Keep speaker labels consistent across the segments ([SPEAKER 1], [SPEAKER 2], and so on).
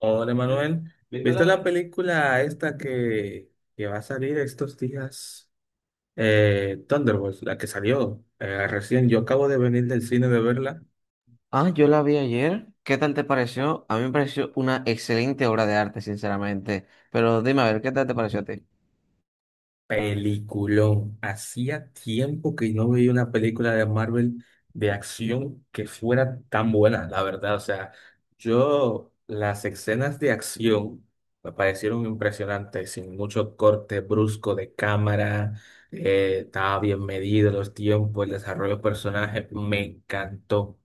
[SPEAKER 1] Hola Manuel,
[SPEAKER 2] ¿Viste
[SPEAKER 1] ¿viste
[SPEAKER 2] la...
[SPEAKER 1] la película esta que va a salir estos días? Thunderbolts, la que salió recién. Yo acabo de venir del cine de verla.
[SPEAKER 2] Ah, yo la vi ayer. ¿Qué tal te pareció? A mí me pareció una excelente obra de arte, sinceramente. Pero dime a ver, ¿qué tal te pareció a ti?
[SPEAKER 1] Peliculón. Hacía tiempo que no veía una película de Marvel de acción que fuera tan buena, la verdad. O sea, yo las escenas de acción me parecieron impresionantes, sin mucho corte brusco de cámara, estaba bien medido los tiempos, el desarrollo de personajes, me encantó.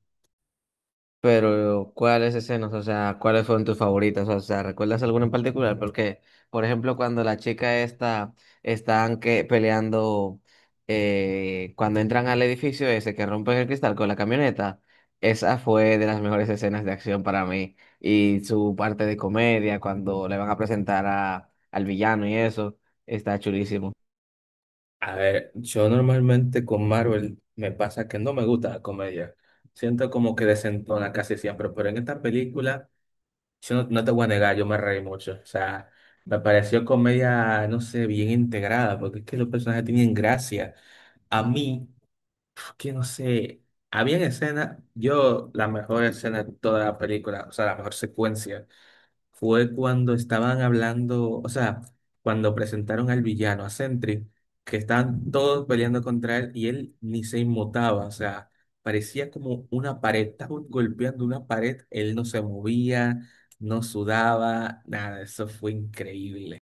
[SPEAKER 2] Pero, ¿cuáles escenas? O sea, ¿cuáles fueron tus favoritas? O sea, ¿recuerdas alguna en particular? Porque, por ejemplo, cuando la chica esta están que peleando, cuando entran al edificio ese que rompen el cristal con la camioneta, esa fue de las mejores escenas de acción para mí. Y su parte de comedia, cuando le van a presentar a, al villano y eso, está chulísimo.
[SPEAKER 1] A ver, yo normalmente con Marvel me pasa que no me gusta la comedia. Siento como que desentona casi siempre, pero en esta película... Yo no te voy a negar, yo me reí mucho. O sea, me pareció comedia, no sé, bien integrada, porque es que los personajes tenían gracia. A mí, es que no sé, había escenas, yo la mejor escena de toda la película, o sea, la mejor secuencia fue cuando estaban hablando, o sea, cuando presentaron al villano, a Sentry, que estaban todos peleando contra él y él ni se inmutaba, o sea, parecía como una pared, estaban golpeando una pared, él no se movía, no sudaba, nada, eso fue increíble.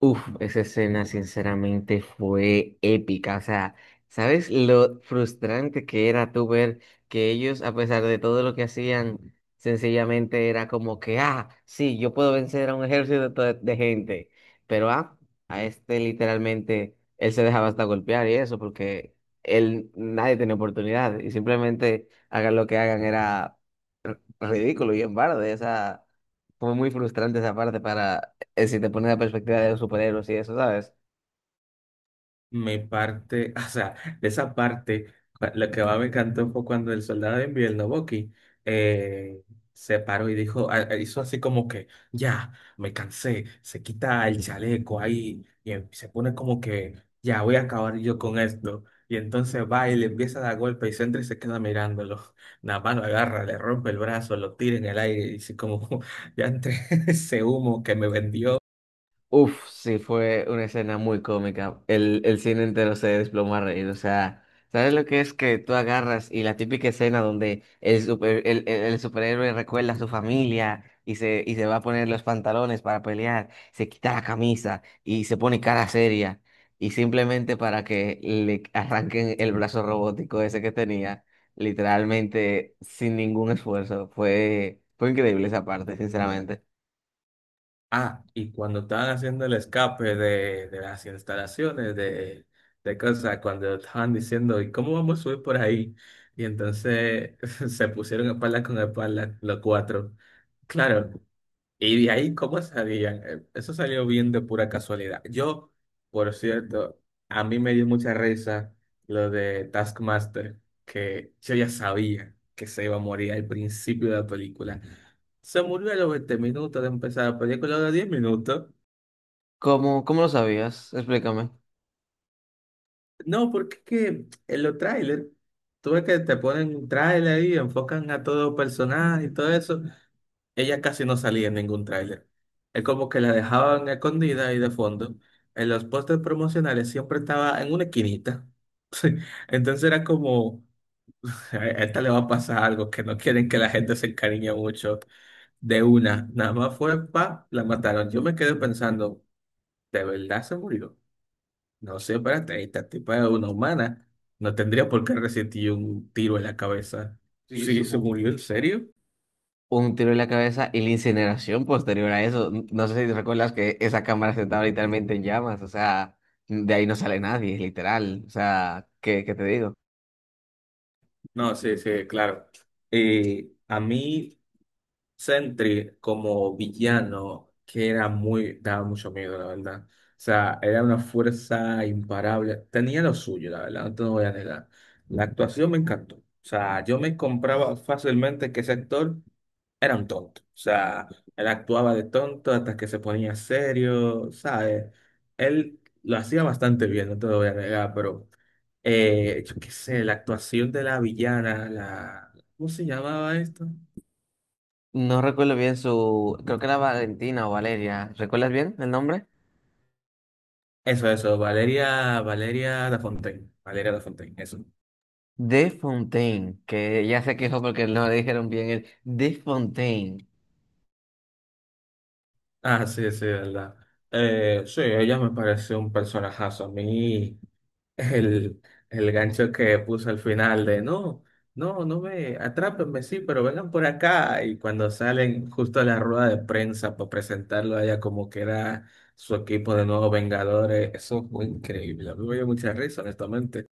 [SPEAKER 2] Uf, esa escena sinceramente fue épica. O sea, ¿sabes lo frustrante que era tú ver que ellos, a pesar de todo lo que hacían, sencillamente era como que, ah, sí, yo puedo vencer a un ejército de gente, pero ah, a este literalmente él se dejaba hasta golpear y eso porque él nadie tenía oportunidad y simplemente hagan lo que hagan era ridículo y en parte, o sea, fue muy frustrante esa parte para, si te pones la perspectiva de los superhéroes y eso, ¿sabes?
[SPEAKER 1] Me parte, o sea, de esa parte, lo que más me encantó fue cuando el soldado de invierno, Bucky, eh, se paró y dijo, hizo así como que, ya, me cansé, se quita el chaleco ahí y se pone como que, ya, voy a acabar yo con esto. Y entonces va y le empieza a dar golpe y Sentry se queda mirándolo. Nada más lo agarra, le rompe el brazo, lo tira en el aire y dice como, ya entre ese humo que me vendió.
[SPEAKER 2] Uf, sí, fue una escena muy cómica. El cine entero se desplomó a reír. O sea, ¿sabes lo que es que tú agarras y la típica escena donde el, super- el superhéroe recuerda a su familia y se va a poner los pantalones para pelear, se quita la camisa y se pone cara seria y simplemente para que le arranquen el brazo robótico ese que tenía, literalmente sin ningún esfuerzo? Fue increíble esa parte, sinceramente.
[SPEAKER 1] Ah, y cuando estaban haciendo el escape de las instalaciones de cosas, cuando estaban diciendo, ¿y cómo vamos a subir por ahí? Y entonces se pusieron espalda con espalda los cuatro. Claro, y de ahí, ¿cómo salían? Eso salió bien de pura casualidad. Yo, por cierto, a mí me dio mucha risa lo de Taskmaster, que yo ya sabía que se iba a morir al principio de la película. Se murió a los 20 minutos de empezar la película, a los 10 minutos.
[SPEAKER 2] ¿Cómo, cómo lo sabías? Explícame.
[SPEAKER 1] No, porque es que en los trailers, tú ves que te ponen un trailer y enfocan a todo personaje y todo eso. Ella casi no salía en ningún tráiler. Es como que la dejaban escondida y de fondo. En los pósters promocionales siempre estaba en una esquinita. Sí. Entonces era como, a esta le va a pasar algo, que no quieren que la gente se encariñe mucho de una. Nada más fue pa, la mataron. Yo me quedé pensando, ¿de verdad se murió? No sé, espérate, esta tipa es una humana. No tendría por qué resistir un tiro en la cabeza.
[SPEAKER 2] Sí,
[SPEAKER 1] Sí,
[SPEAKER 2] su-
[SPEAKER 1] se murió, ¿en serio?
[SPEAKER 2] un tiro en la cabeza y la incineración posterior a eso. No sé si recuerdas que esa cámara se estaba literalmente en llamas, o sea, de ahí no sale nadie, literal. O sea, ¿qué, qué te digo?
[SPEAKER 1] No, sí, sí, claro. A mí. Sentry como villano que era muy, daba mucho miedo, la verdad. O sea, era una fuerza imparable. Tenía lo suyo, la verdad, no te lo voy a negar. La actuación me encantó. O sea, yo me compraba fácilmente que ese actor era un tonto. O sea, él actuaba de tonto hasta que se ponía serio, ¿sabes? Él lo hacía bastante bien, no te lo voy a negar, pero yo qué sé, la actuación de la villana, la... ¿Cómo se llamaba esto?
[SPEAKER 2] No recuerdo bien su, creo que era Valentina o Valeria, ¿recuerdas bien el nombre?
[SPEAKER 1] Eso, Valeria, Valeria da Fontaine, eso.
[SPEAKER 2] De Fontaine, que ya se quejó porque no le dijeron bien el De Fontaine.
[SPEAKER 1] Ah, sí, sí, verdad. Sí, ella me parece un personajazo. A mí, el, el gancho que puso al final de no me atrápenme, sí, pero vengan por acá. Y cuando salen justo a la rueda de prensa para presentarlo a ella como que era su equipo de nuevos Vengadores, eso fue increíble. A mí me dio mucha risa, honestamente.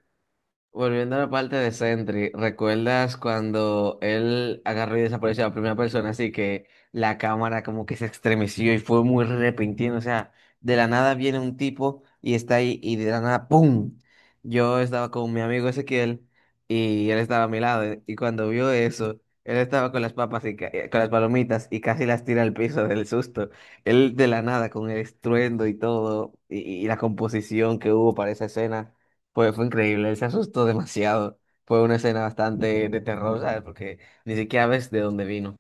[SPEAKER 2] Volviendo a la parte de Sentry, ¿recuerdas cuando él agarró y desapareció a la primera persona? Así que la cámara como que se estremeció y fue muy repentino. O sea, de la nada viene un tipo y está ahí y de la nada ¡pum! Yo estaba con mi amigo Ezequiel y él estaba a mi lado. Y cuando vio eso, él estaba con las papas y ca- con las palomitas y casi las tira al piso del susto. Él de la nada con el estruendo y todo y la composición que hubo para esa escena. Fue increíble, él se asustó demasiado. Fue una escena bastante de terror, ¿sabes? Porque ni siquiera ves de dónde vino.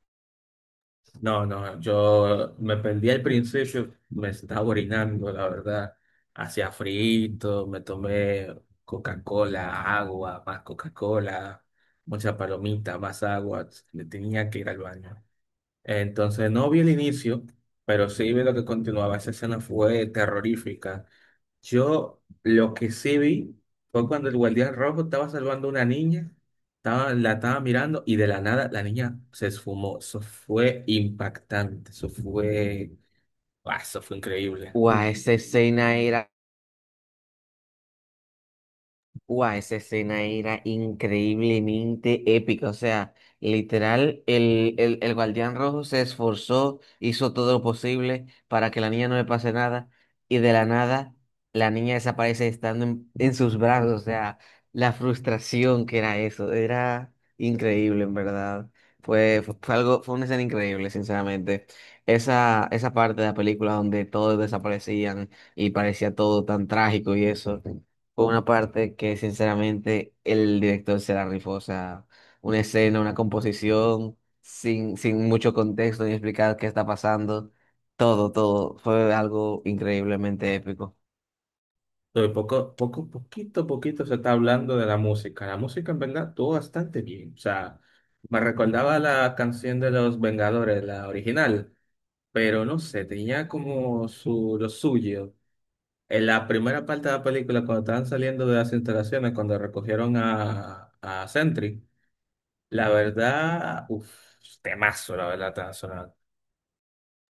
[SPEAKER 1] No, yo me perdí al principio, me estaba orinando, la verdad. Hacía frito, me tomé Coca-Cola, agua, más Coca-Cola, mucha palomita, más agua. Le tenía que ir al baño. Entonces no vi el inicio, pero sí vi lo que continuaba. Esa escena fue terrorífica. Yo lo que sí vi fue cuando el guardián rojo estaba salvando a una niña, estaba, la estaba mirando y de la nada la niña se esfumó. Eso fue impactante, eso fue, ah, eso fue increíble.
[SPEAKER 2] Guau, esa escena era. Guau, esa escena era increíblemente épica. O sea, literal, el, el guardián rojo se esforzó, hizo todo lo posible para que la niña no le pase nada. Y de la nada, la niña desaparece estando en sus brazos. O sea, la frustración que era eso. Era increíble, en verdad. Fue, fue algo, fue una escena increíble, sinceramente. Esa parte de la película donde todos desaparecían y parecía todo tan trágico y eso. Fue una parte que sinceramente el director se la rifó, o sea, una escena, una composición, sin, sin mucho contexto ni explicar qué está pasando, todo, todo, fue algo increíblemente épico.
[SPEAKER 1] Pero poco, poco, poquito, poquito se está hablando de la música. La música en verdad estuvo bastante bien. O sea, me recordaba la canción de los Vengadores, la original, pero no sé, tenía como su, lo suyo. En la primera parte de la película, cuando estaban saliendo de las instalaciones, cuando recogieron a Sentry, la verdad, uff, temazo, la verdad, estaba sonando.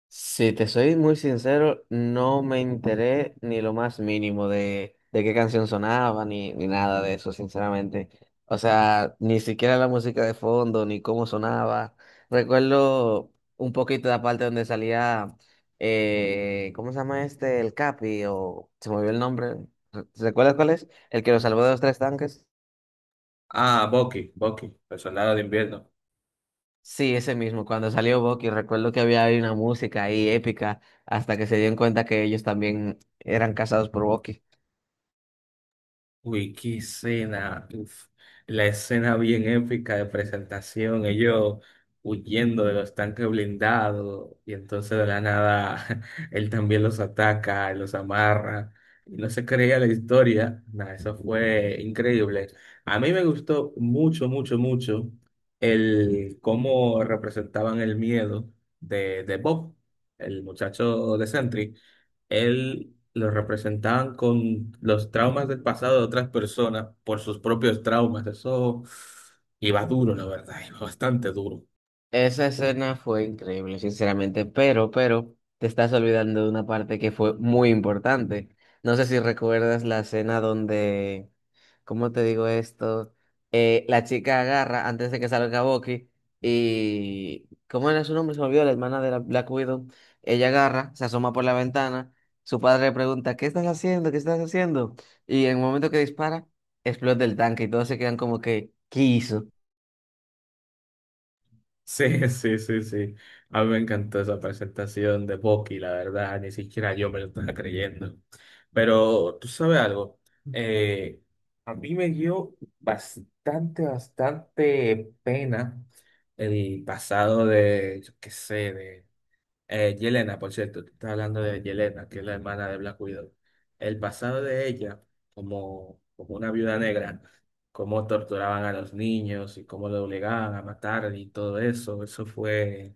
[SPEAKER 2] Si te soy muy sincero, no me enteré ni lo más mínimo de qué canción sonaba, ni, ni nada de eso, sinceramente. O sea, ni siquiera la música de fondo, ni cómo sonaba. Recuerdo un poquito la parte donde salía, ¿cómo se llama este? El Capi, o se me olvidó el nombre. ¿Recuerdas cuál es? El que lo salvó de los tres tanques.
[SPEAKER 1] Ah, Bucky, el soldado de invierno.
[SPEAKER 2] Sí, ese mismo, cuando salió Bucky, recuerdo que había ahí una música ahí épica, hasta que se dieron cuenta que ellos también eran casados por Bucky.
[SPEAKER 1] Uy, qué escena, uf, la escena bien épica de presentación, ellos huyendo de los tanques blindados y entonces de la nada él también los ataca, los amarra y no se creía la historia, nada, eso fue increíble. A mí me gustó mucho, mucho, mucho el cómo representaban el miedo de Bob, el muchacho de Sentry él lo representaban con los traumas del pasado de otras personas por sus propios traumas. Eso iba duro, la verdad, iba bastante duro.
[SPEAKER 2] Esa escena fue increíble, sinceramente, pero, te estás olvidando de una parte que fue muy importante. No sé si recuerdas la escena donde ¿cómo te digo esto? La chica agarra antes de que salga Bucky y, ¿cómo era su nombre? Se me olvidó, la hermana de la Black Widow. Ella agarra, se asoma por la ventana, su padre le pregunta, ¿qué estás haciendo? ¿Qué estás haciendo? Y en el momento que dispara, explota el tanque y todos se quedan como que, ¿qué hizo?
[SPEAKER 1] Sí, sí, sí, sí. A mí me encantó esa presentación de Bucky, la verdad, ni siquiera yo me lo estaba creyendo. Pero tú sabes algo, eh, a mí me dio bastante, bastante pena el pasado de, yo qué sé, de... Yelena, por cierto, tú estás hablando de Yelena, que es la hermana de Black Widow. El pasado de ella, como una viuda negra, cómo torturaban a los niños y cómo lo obligaban a matar y todo eso, eso fue,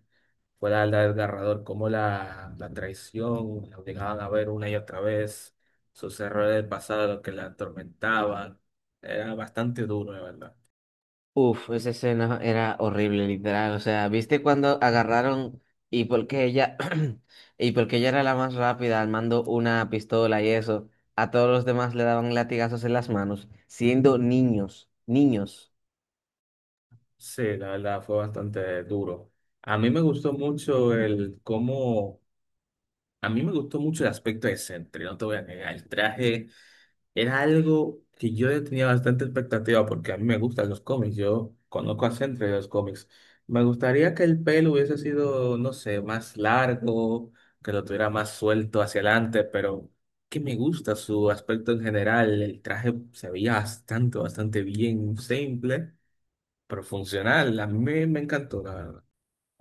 [SPEAKER 1] fue la verdad desgarrador, cómo la traición, la obligaban a ver una y otra vez, sus errores del pasado, lo que la atormentaban. Era bastante duro, de verdad.
[SPEAKER 2] Uf, esa escena era horrible, literal. O sea, ¿viste cuando agarraron y porque ella y porque ella era la más rápida armando una pistola y eso, a todos los demás le daban latigazos en las manos, siendo niños, niños.
[SPEAKER 1] Sí, la verdad fue bastante duro. A mí me gustó mucho el cómo A mí me gustó mucho el aspecto de Sentry, no te voy a negar. El traje era algo que yo le tenía bastante expectativa porque a mí me gustan los cómics. Yo conozco a Sentry de los cómics. Me gustaría que el pelo hubiese sido, no sé, más largo, que lo tuviera más suelto hacia adelante, pero que me gusta su aspecto en general. El traje se veía bastante, bastante bien, simple, pero funcional. A mí me encantó, la verdad.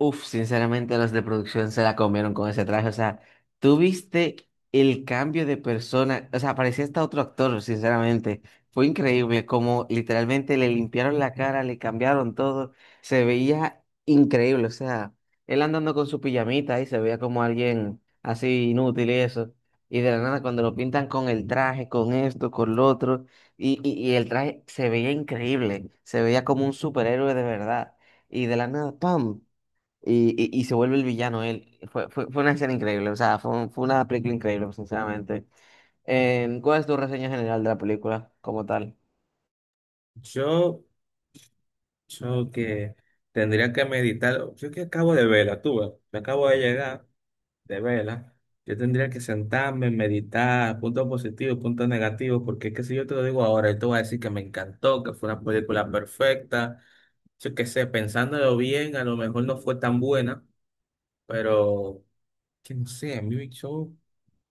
[SPEAKER 2] Uf, sinceramente los de producción se la comieron con ese traje. O sea, tú viste el cambio de persona. O sea, parecía hasta otro actor, sinceramente. Fue increíble como literalmente le limpiaron la cara, le cambiaron todo. Se veía increíble. O sea, él andando con su pijamita ahí se veía como alguien así inútil y eso. Y de la nada, cuando lo pintan con el traje, con esto, con lo otro, y, y el traje se veía increíble. Se veía como un superhéroe de verdad. Y de la nada, ¡pam! Y, y se vuelve el villano él. Fue, fue una escena increíble, o sea, fue, un- fue una película increíble, sinceramente. ¿Cuál es tu reseña general de la película como tal?
[SPEAKER 1] Yo. Yo que tendría que meditar. Yo que acabo de verla, tú ves. Me acabo de llegar de verla. Yo tendría que sentarme, meditar, puntos positivos, puntos negativos, porque es que si yo te lo digo ahora, yo te voy a decir que me encantó, que fue una película perfecta. Yo que sé, pensándolo bien, a lo mejor no fue tan buena, pero que no sé, a mí yo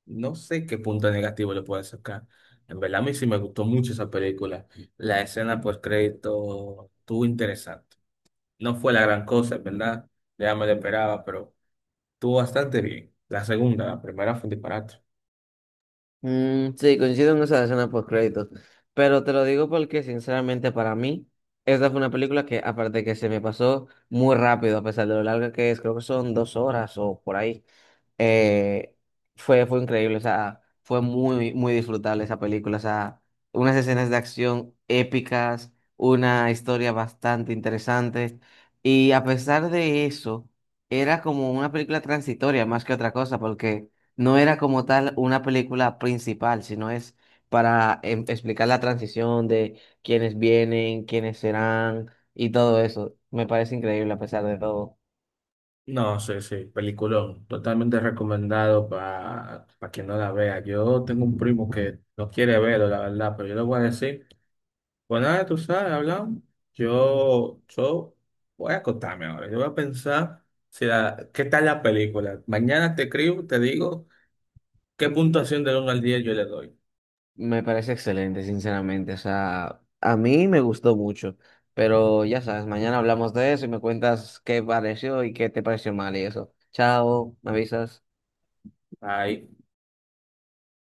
[SPEAKER 1] no sé qué punto negativo le puedo sacar. En verdad, a mí sí me gustó mucho esa película. La escena post crédito estuvo interesante. No fue la gran cosa, en ¿verdad? Ya me lo esperaba, pero estuvo bastante bien. La segunda, la primera fue un disparate.
[SPEAKER 2] Mm, sí, coincido en esa escena post créditos, pero te lo digo porque sinceramente para mí, esta fue una película que aparte de que se me pasó muy rápido, a pesar de lo larga que es, creo que son 2 horas o por ahí. eh, Fue, fue increíble, o sea, fue muy, muy disfrutable esa película, o sea, unas escenas de acción épicas, una historia bastante interesante, y a pesar de eso, era como una película transitoria más que otra cosa, porque no era como tal una película principal, sino es para explicar la transición de quiénes vienen, quiénes serán, y todo eso. Me parece increíble a pesar de todo.
[SPEAKER 1] No, sí, sí, peliculón. Totalmente recomendado para quien no la vea. Yo tengo un primo que no quiere verlo, la verdad, pero yo le voy a decir, pues nada, tú sabes, hablamos. Yo voy a acostarme ahora. Yo voy a pensar si la- qué tal la película. Mañana te escribo, te digo qué puntuación del uno al 10 yo le doy.
[SPEAKER 2] Me parece excelente, sinceramente. O sea, a mí me gustó mucho. Pero ya sabes, mañana hablamos de eso y me cuentas qué pareció y qué te pareció mal y eso. Chao, me avisas.
[SPEAKER 1] Ahí.